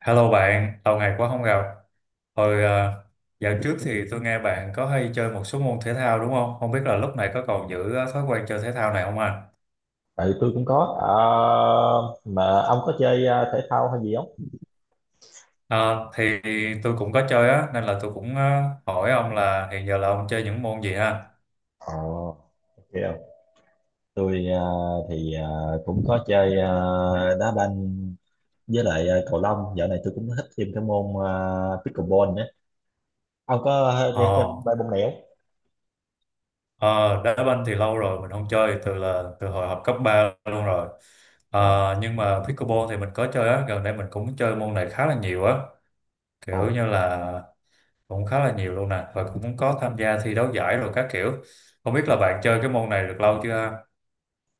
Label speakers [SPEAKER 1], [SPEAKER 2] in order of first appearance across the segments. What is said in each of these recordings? [SPEAKER 1] Hello bạn, lâu ngày quá không gặp. Hồi ờ, Dạo trước thì tôi nghe bạn có hay chơi một số môn thể thao đúng không? Không biết là lúc này có còn giữ thói quen chơi thể thao này không anh?
[SPEAKER 2] Tại tôi cũng có. Ờ, mà ông có chơi thể thao hay gì không?
[SPEAKER 1] Ờ, thì tôi cũng có chơi á, nên là tôi cũng hỏi ông là hiện giờ là ông chơi những môn gì ha?
[SPEAKER 2] Ờ, ok. Tôi thì cũng có chơi đá banh, với lại cầu lông. Dạo này tôi cũng thích thêm cái môn pickleball nữa. Ông có chơi
[SPEAKER 1] Ờ,
[SPEAKER 2] thêm ba môn này không?
[SPEAKER 1] ờ, Đá banh thì lâu rồi mình không chơi, từ hồi học cấp 3 luôn rồi.
[SPEAKER 2] Ồ,
[SPEAKER 1] Nhưng mà pickleball thì mình có chơi á, gần đây mình cũng chơi môn này khá là nhiều á,
[SPEAKER 2] ồ.
[SPEAKER 1] kiểu như là cũng khá là nhiều luôn nè, và cũng có tham gia thi đấu giải rồi các kiểu. Không biết là bạn chơi cái môn này được lâu chưa ha?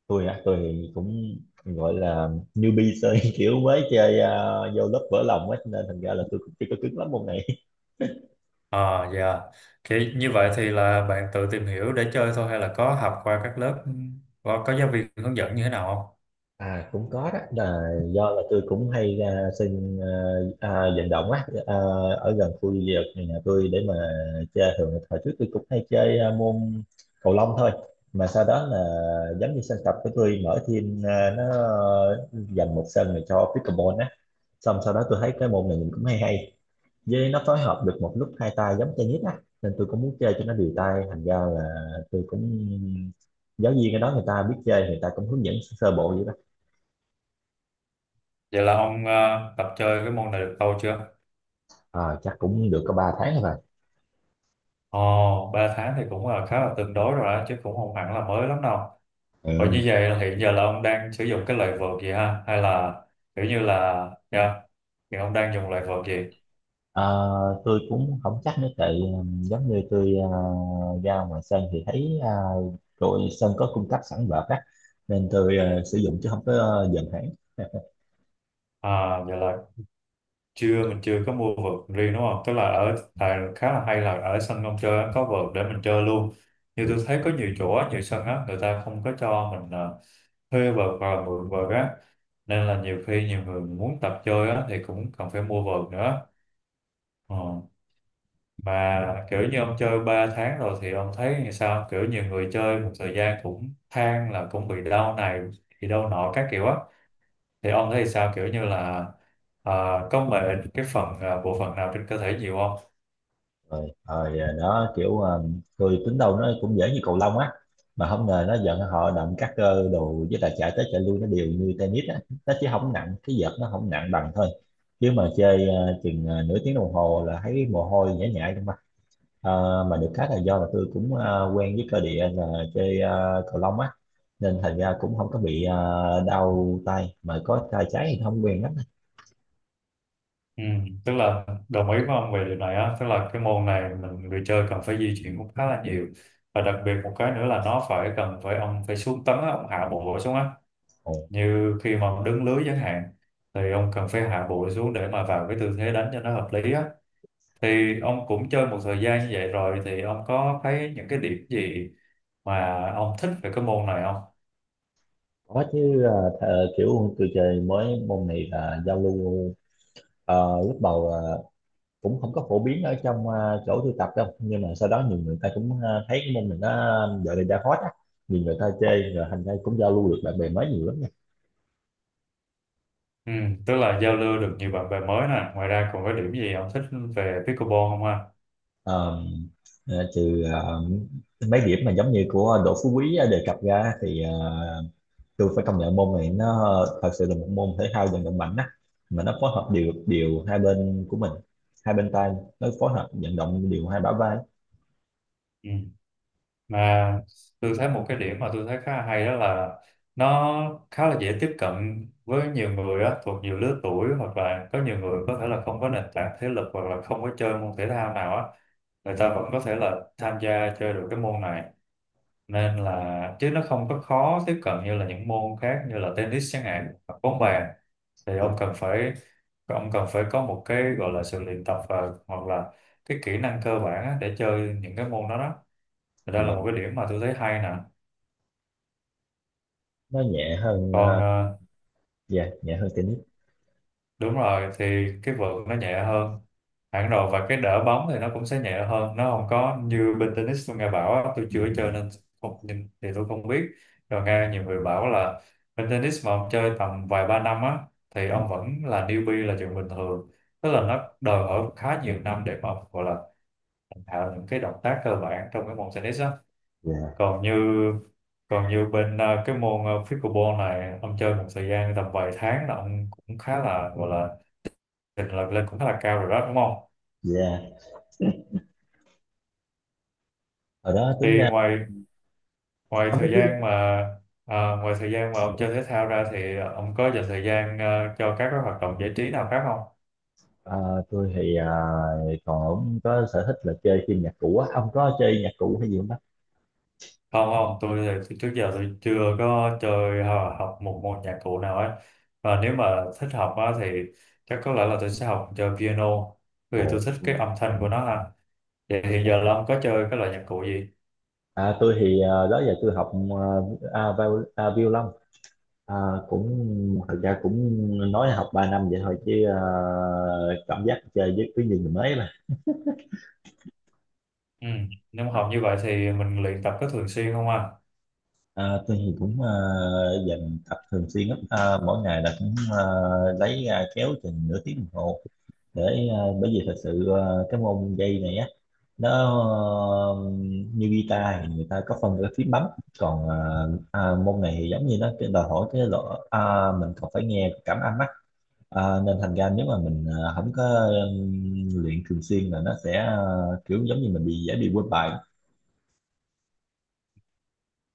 [SPEAKER 2] Tôi thì cũng gọi là newbie chơi, kiểu mới chơi, vô lớp vỡ lòng á, cho nên thành ra là tôi cũng chưa có cứng lắm môn này.
[SPEAKER 1] À, dạ, thì như vậy thì là bạn tự tìm hiểu để chơi thôi hay là có học qua các lớp, có giáo viên hướng dẫn như thế nào không?
[SPEAKER 2] À, cũng có đó, là do là tôi cũng hay ra sân, vận động á, ở gần khu vực nhà tôi để mà chơi. Thường là hồi trước tôi cũng hay chơi môn cầu lông thôi, mà sau đó là giống như sân tập của tôi mở thêm, nó dành một sân này cho pickleball á. Xong sau đó tôi thấy cái môn này nhìn cũng hay hay, với nó phối hợp được một lúc hai tay giống tennis á, nên tôi cũng muốn chơi cho nó đều tay. Thành ra là tôi cũng, giáo viên ở đó người ta biết chơi, người ta cũng hướng dẫn sơ bộ.
[SPEAKER 1] Vậy là ông tập chơi cái môn này được lâu chưa?
[SPEAKER 2] Ờ, Chắc cũng được có 3 tháng rồi.
[SPEAKER 1] Ồ, ba tháng thì cũng là khá là tương đối rồi đó chứ, cũng không hẳn là mới lắm đâu. Và như
[SPEAKER 2] Ừ.
[SPEAKER 1] vậy là hiện giờ là ông đang sử dụng cái loại vợt gì ha, hay là kiểu như là, dạ, thì ông đang dùng loại vợt gì?
[SPEAKER 2] Ờ, tôi cũng không chắc nữa, tại giống như tôi ra ngoài sân thì thấy đội sân có cung cấp sẵn vợt á, nên tôi sử dụng chứ không có dần hẳn.
[SPEAKER 1] À, vậy là chưa mình chưa có mua vợt riêng đúng không, tức là ở tại khá là, hay là ở sân ông chơi á, có vợt để mình chơi luôn. Như
[SPEAKER 2] Ừ.
[SPEAKER 1] tôi thấy có nhiều chỗ á, nhiều sân á người ta không có cho mình thuê vợt và mượn vợt á, nên là nhiều khi nhiều người muốn tập chơi á thì cũng cần phải mua vợt nữa. Ờ. Mà kiểu như ông chơi 3 tháng rồi thì ông thấy như sao, kiểu nhiều người chơi một thời gian cũng than là cũng bị đau này bị đau nọ các kiểu á, thì ông thấy sao kiểu như là, à, có mệt cái phần à, bộ phận nào trên cơ thể nhiều không?
[SPEAKER 2] Rồi, rồi. Ờ, Đó kiểu tôi tính đâu nó cũng dễ như cầu lông á, mà không ngờ nó giận họ động các cơ đồ, với lại chạy tới chạy lui nó đều như tennis á. Nó chỉ không nặng, cái vợt nó không nặng bằng thôi. Chứ mà chơi chừng nửa tiếng đồng hồ là thấy mồ hôi nhễ nhại trong. Ờ, mà được cái là do là tôi cũng quen với cơ địa là chơi cầu lông á, nên thành ra cũng không có bị đau tay, mà có tay trái thì không quen lắm.
[SPEAKER 1] Ừ, tức là đồng ý với ông về điều này á, tức là cái môn này mình người chơi cần phải di chuyển cũng khá là nhiều, và đặc biệt một cái nữa là nó phải cần phải ông phải xuống tấn á, ông hạ bộ xuống á,
[SPEAKER 2] Ồ,
[SPEAKER 1] như khi mà ông đứng lưới chẳng hạn thì ông cần phải hạ bộ xuống để mà vào cái tư thế đánh cho nó hợp lý á. Thì ông cũng chơi một thời gian như vậy rồi thì ông có thấy những cái điểm gì mà ông thích về cái môn này không?
[SPEAKER 2] có chứ. Ờ, Kiểu tôi chơi mới môn này là giao lưu. Lúc đầu là cũng không có phổ biến ở trong, chỗ tôi tập đâu, nhưng mà sau đó nhiều người ta cũng thấy cái môn này nó giờ này đang hot á, nhiều người ta chơi rồi, thành ra cũng giao lưu được bạn bè mới nhiều lắm.
[SPEAKER 1] Ừ, tức là giao lưu được nhiều bạn bè mới nè, ngoài ra còn có điểm gì ông thích về pickleball không ha?
[SPEAKER 2] Ờ, Trừ mấy điểm mà giống như của Đỗ Phú Quý đề cập ra, thì tôi phải công nhận môn này nó thật sự là một môn thể thao vận động mạnh á, mà nó phối hợp điều điều hai bên của mình, hai bên tay, nó phối hợp vận động điều hai bả vai.
[SPEAKER 1] Ừ. Mà tôi thấy một cái điểm mà tôi thấy khá là hay đó là nó khá là dễ tiếp cận với nhiều người á, thuộc nhiều lứa tuổi, hoặc là có nhiều người có thể là không có nền tảng thể lực hoặc là không có chơi môn thể thao nào á, người ta vẫn có thể là tham gia chơi được cái môn này, nên là chứ nó không có khó tiếp cận như là những môn khác như là tennis chẳng hạn hoặc bóng bàn, thì
[SPEAKER 2] Đúng.
[SPEAKER 1] ông cần phải, ông cần phải có một cái gọi là sự luyện tập, và hoặc là cái kỹ năng cơ bản á, để chơi những cái môn đó đó, thì đó là
[SPEAKER 2] Dạ,
[SPEAKER 1] một cái điểm mà tôi thấy hay nè.
[SPEAKER 2] nó nhẹ hơn.
[SPEAKER 1] còn
[SPEAKER 2] Ờ,
[SPEAKER 1] ờ,
[SPEAKER 2] dạ, nhẹ hơn tennis.
[SPEAKER 1] Đúng rồi, thì cái vợt nó nhẹ hơn hẳn rồi, và cái đỡ bóng thì nó cũng sẽ nhẹ hơn, nó không có như bên tennis tôi nghe bảo á, tôi
[SPEAKER 2] Ừ.
[SPEAKER 1] chưa chơi nên không nhìn thì tôi không biết. Rồi nghe nhiều người bảo là bên tennis mà ông chơi tầm vài ba năm á thì ông vẫn là newbie là chuyện bình thường, tức là nó đòi hỏi khá nhiều năm để mà ông gọi là thành thạo những cái động tác cơ bản trong cái môn tennis á.
[SPEAKER 2] Dạ,
[SPEAKER 1] Còn như còn như bên cái môn pickleball này ông chơi một thời gian tầm vài tháng là ông cũng khá là gọi là trình là lên cũng khá là cao rồi đó đúng không?
[SPEAKER 2] dạ. Ở đó
[SPEAKER 1] Thì
[SPEAKER 2] tính ra
[SPEAKER 1] ngoài ngoài
[SPEAKER 2] ông có
[SPEAKER 1] thời
[SPEAKER 2] thích
[SPEAKER 1] gian
[SPEAKER 2] không?
[SPEAKER 1] mà à, Ngoài thời gian mà ông chơi thể thao ra thì ông có dành thời gian à, cho các cái hoạt động giải trí nào khác không?
[SPEAKER 2] Ờ, tôi thì còn có sở thích là chơi phim nhạc cụ á. Ông có chơi nhạc cụ hay gì không bác?
[SPEAKER 1] Không, không, tôi thì trước giờ tôi chưa có chơi hoặc học một môn nhạc cụ nào ấy, và nếu mà thích học á, thì chắc có lẽ là tôi sẽ học chơi piano, bởi vì
[SPEAKER 2] Ồ.
[SPEAKER 1] tôi thích cái âm thanh của nó ha. Vậy thì giờ là ông có chơi cái loại nhạc cụ gì?
[SPEAKER 2] À, tôi thì đó giờ tôi học, violon. à, Cũng, thật ra cũng nói là học 3 năm vậy thôi, chứ cảm giác chơi với cái gì thì mới mà.
[SPEAKER 1] Ừ, nếu mà học như vậy thì mình luyện tập có thường xuyên không ạ?
[SPEAKER 2] Tôi thì cũng dành tập thường xuyên lắm, mỗi ngày là cũng lấy ra kéo chừng nửa tiếng đồng hồ để, bởi vì thật sự cái môn dây này á, nó ờ, như guitar thì người ta có phân cái phím bấm, còn môn này thì giống như nó cái đòi hỏi cái độ, mình còn phải nghe cảm âm á. À, nên thành ra nếu mà mình không có luyện thường xuyên là nó sẽ, kiểu giống như mình bị dễ bị quên bài.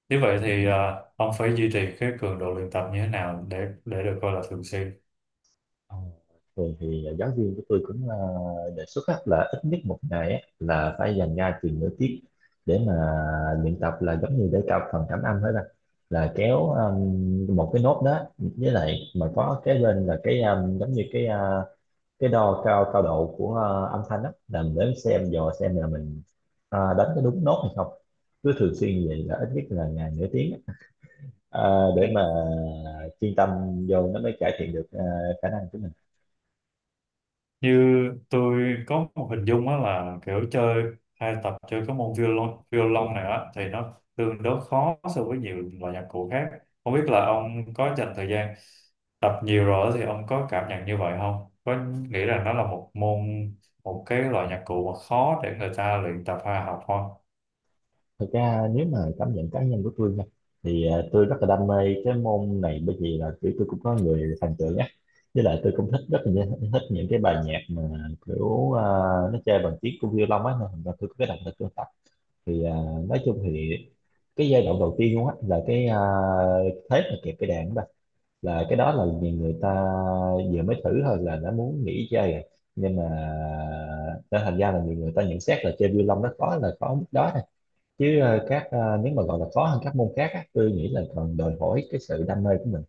[SPEAKER 1] Nếu vậy thì ông phải duy trì cái cường độ luyện tập như thế nào để được coi là thường xuyên.
[SPEAKER 2] Ờ, Thường thì giáo viên của tôi cũng đề xuất á, là ít nhất một ngày á là phải dành ra chừng nửa tiết để mà luyện tập, là giống như để cao phần cảm âm hết bạn, là kéo một cái nốt đó, với lại mà có cái bên là cái, giống như cái, cái đo cao cao độ của âm thanh đó, là mình đến xem dò xem là mình đánh có đúng nốt hay không. Cứ thường xuyên như vậy là ít nhất là ngày nửa tiếng á,
[SPEAKER 1] Ừ.
[SPEAKER 2] để mà chuyên tâm vô nó mới cải thiện được khả năng của mình.
[SPEAKER 1] Như tôi có một hình dung á là kiểu chơi hay tập chơi cái môn violon, violon này á thì nó tương đối khó so với nhiều loại nhạc cụ khác. Không biết là ông có dành thời gian tập nhiều rồi thì ông có cảm nhận như vậy không? Có nghĩ rằng nó là một môn, một cái loại nhạc cụ mà khó để người ta luyện tập hay học không?
[SPEAKER 2] Thực ra nếu mà cảm nhận cá nhân của tôi nha, thì tôi rất là đam mê cái môn này, bởi vì là kiểu tôi cũng có người thần tượng á, với lại tôi cũng thích, rất là thích những cái bài nhạc mà kiểu nó chơi bằng tiếng của violon á, nên là tôi có cái động lực tôi. Thì nói chung thì cái giai đoạn đầu tiên luôn á, là cái, thế mà kẹp cái đàn đó, là cái đó là nhiều người ta vừa mới thử thôi là đã muốn nghỉ chơi rồi. Nhưng mà, nên thành ra là nhiều người ta nhận xét là chơi violon nó khó là khó mức đó thôi, chứ nếu mà gọi là khó hơn các môn khác á, tôi nghĩ là còn đòi hỏi cái sự đam mê của mình.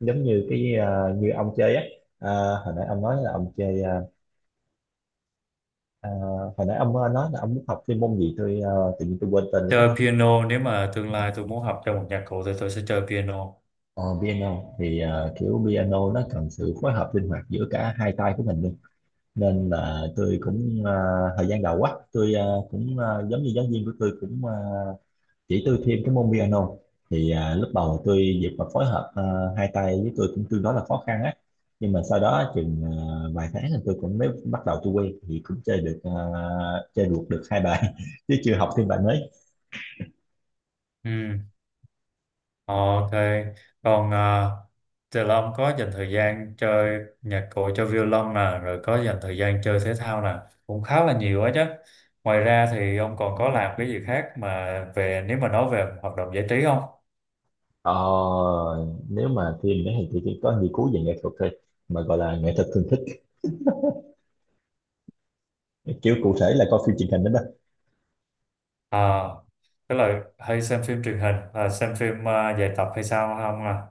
[SPEAKER 2] Giống như cái, như ông chơi á, à, hồi nãy ông nói là ông chơi, à, hồi nãy ông nói là ông muốn học chuyên môn gì, tôi tự nhiên tôi quên tên rồi đó.
[SPEAKER 1] Chơi piano, nếu mà tương lai tôi muốn học chơi một nhạc cụ thì tôi sẽ chơi piano.
[SPEAKER 2] Ờ, Piano thì kiểu piano nó cần sự phối hợp linh hoạt giữa cả hai tay của mình luôn, nên là tôi cũng, thời gian đầu á tôi giống như giáo viên của tôi cũng chỉ tôi thêm cái môn piano. Thì lúc đầu tôi việc mà phối hợp hai tay với tôi cũng tương đối là khó khăn á, nhưng mà sau đó chừng vài tháng thì tôi cũng mới bắt đầu tôi quen, thì cũng chơi được ờ, chơi được được hai bài chứ chưa học thêm bài mới.
[SPEAKER 1] Ừ. Ok, còn à, Từ Long có dành thời gian chơi nhạc cụ cho violon nè, rồi có dành thời gian chơi thể thao nè, cũng khá là nhiều á chứ. Ngoài ra thì ông còn có làm cái gì khác mà, về nếu mà nói về hoạt động giải trí không?
[SPEAKER 2] Ờ, Nếu mà phim đấy thì tôi chỉ có nghiên cứu về nghệ thuật thôi, mà gọi là nghệ thuật thường thích, kiểu cụ thể là coi phim truyền hình đó đó.
[SPEAKER 1] À, tức là hay xem phim truyền hình, à, xem phim à, dài tập hay sao không à?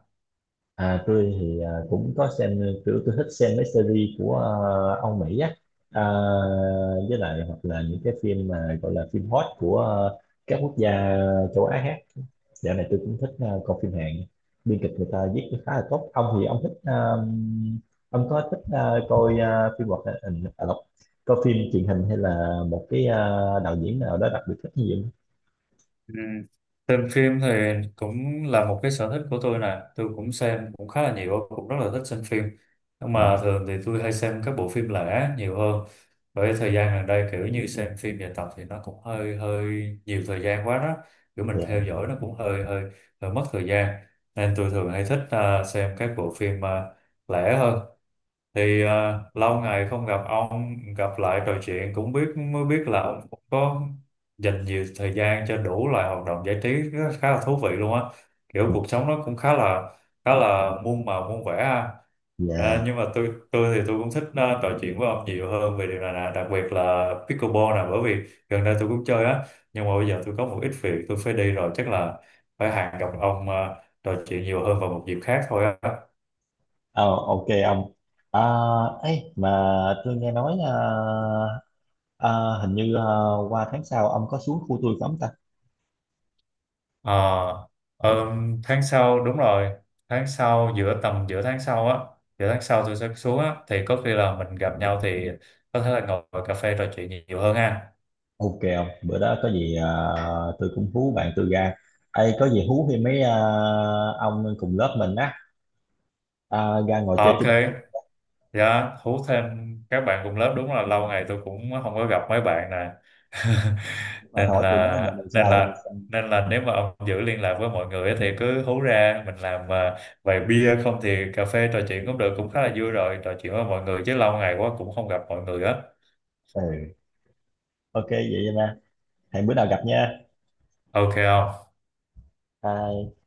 [SPEAKER 2] Tôi thì cũng có xem, kiểu tôi thích xem mấy series của, Âu Mỹ á, à, với lại hoặc là những cái phim mà gọi là phim hot của, à, các quốc gia châu Á khác. Dạo này tôi cũng thích coi phim Hàn. Biên kịch người ta viết khá là tốt. Ông có thích coi phim hoạt hình, coi phim truyền hình hay là một cái, đạo diễn nào đó đặc biệt thích như vậy?
[SPEAKER 1] Ừ. Xem phim thì cũng là một cái sở thích của tôi nè, tôi cũng xem cũng khá là nhiều, cũng rất là thích xem phim, nhưng mà
[SPEAKER 2] Không?
[SPEAKER 1] thường thì tôi hay xem các bộ phim lẻ nhiều hơn, bởi thời gian gần đây kiểu như xem phim dài tập thì nó cũng hơi hơi nhiều thời gian quá đó, kiểu mình
[SPEAKER 2] Ờ,
[SPEAKER 1] theo dõi nó cũng hơi hơi, hơi mất thời gian, nên tôi thường hay thích à, xem các bộ phim à, lẻ hơn. Thì à, lâu ngày không gặp ông, gặp lại trò chuyện cũng biết, mới biết là ông cũng có dành nhiều thời gian cho đủ loại hoạt động giải trí khá là thú vị luôn á, kiểu
[SPEAKER 2] dạ.
[SPEAKER 1] cuộc sống nó cũng khá là, khá là muôn màu muôn vẻ ha. À,
[SPEAKER 2] Dạ.
[SPEAKER 1] nhưng mà tôi thì tôi cũng thích à, trò chuyện với ông nhiều hơn về điều này nè, đặc biệt là pickleball nè, bởi vì gần đây tôi cũng chơi á, nhưng mà bây giờ tôi có một ít việc tôi phải đi rồi, chắc là phải hẹn gặp ông à, trò chuyện nhiều hơn vào một dịp khác thôi á.
[SPEAKER 2] Ờ, ok ông. À, ấy mà tôi nghe nói, ờ, hình như qua tháng sau ông có xuống khu tôi không ta?
[SPEAKER 1] Ờ, Tháng sau đúng rồi, tháng sau giữa, tầm giữa tháng sau á, giữa tháng sau tôi sẽ xuống á, thì có khi là mình gặp nhau thì có thể là ngồi cà phê trò chuyện nhiều nhiều hơn ha.
[SPEAKER 2] Ok không? Bữa đó có gì tôi cũng hú bạn tôi ra. Ê, có gì hú thì mấy, ông cùng lớp mình á, ra ngồi
[SPEAKER 1] Ờ,
[SPEAKER 2] chơi
[SPEAKER 1] ok,
[SPEAKER 2] chung.
[SPEAKER 1] dạ, hú thêm các bạn cùng lớp, đúng là lâu ngày tôi cũng không có gặp mấy bạn nè.
[SPEAKER 2] hỏi
[SPEAKER 1] nên
[SPEAKER 2] hỏi tụi nó giờ
[SPEAKER 1] là
[SPEAKER 2] mình
[SPEAKER 1] nên
[SPEAKER 2] sao.
[SPEAKER 1] là nên là nếu mà ông giữ liên lạc với mọi người á thì cứ hú ra mình làm vài bia, không thì cà phê trò chuyện cũng được, cũng khá là vui rồi trò chuyện với mọi người, chứ lâu ngày quá cũng không gặp mọi người á.
[SPEAKER 2] Ừ, ok vậy nha. Hẹn bữa nào gặp nha.
[SPEAKER 1] Ok không?
[SPEAKER 2] Bye.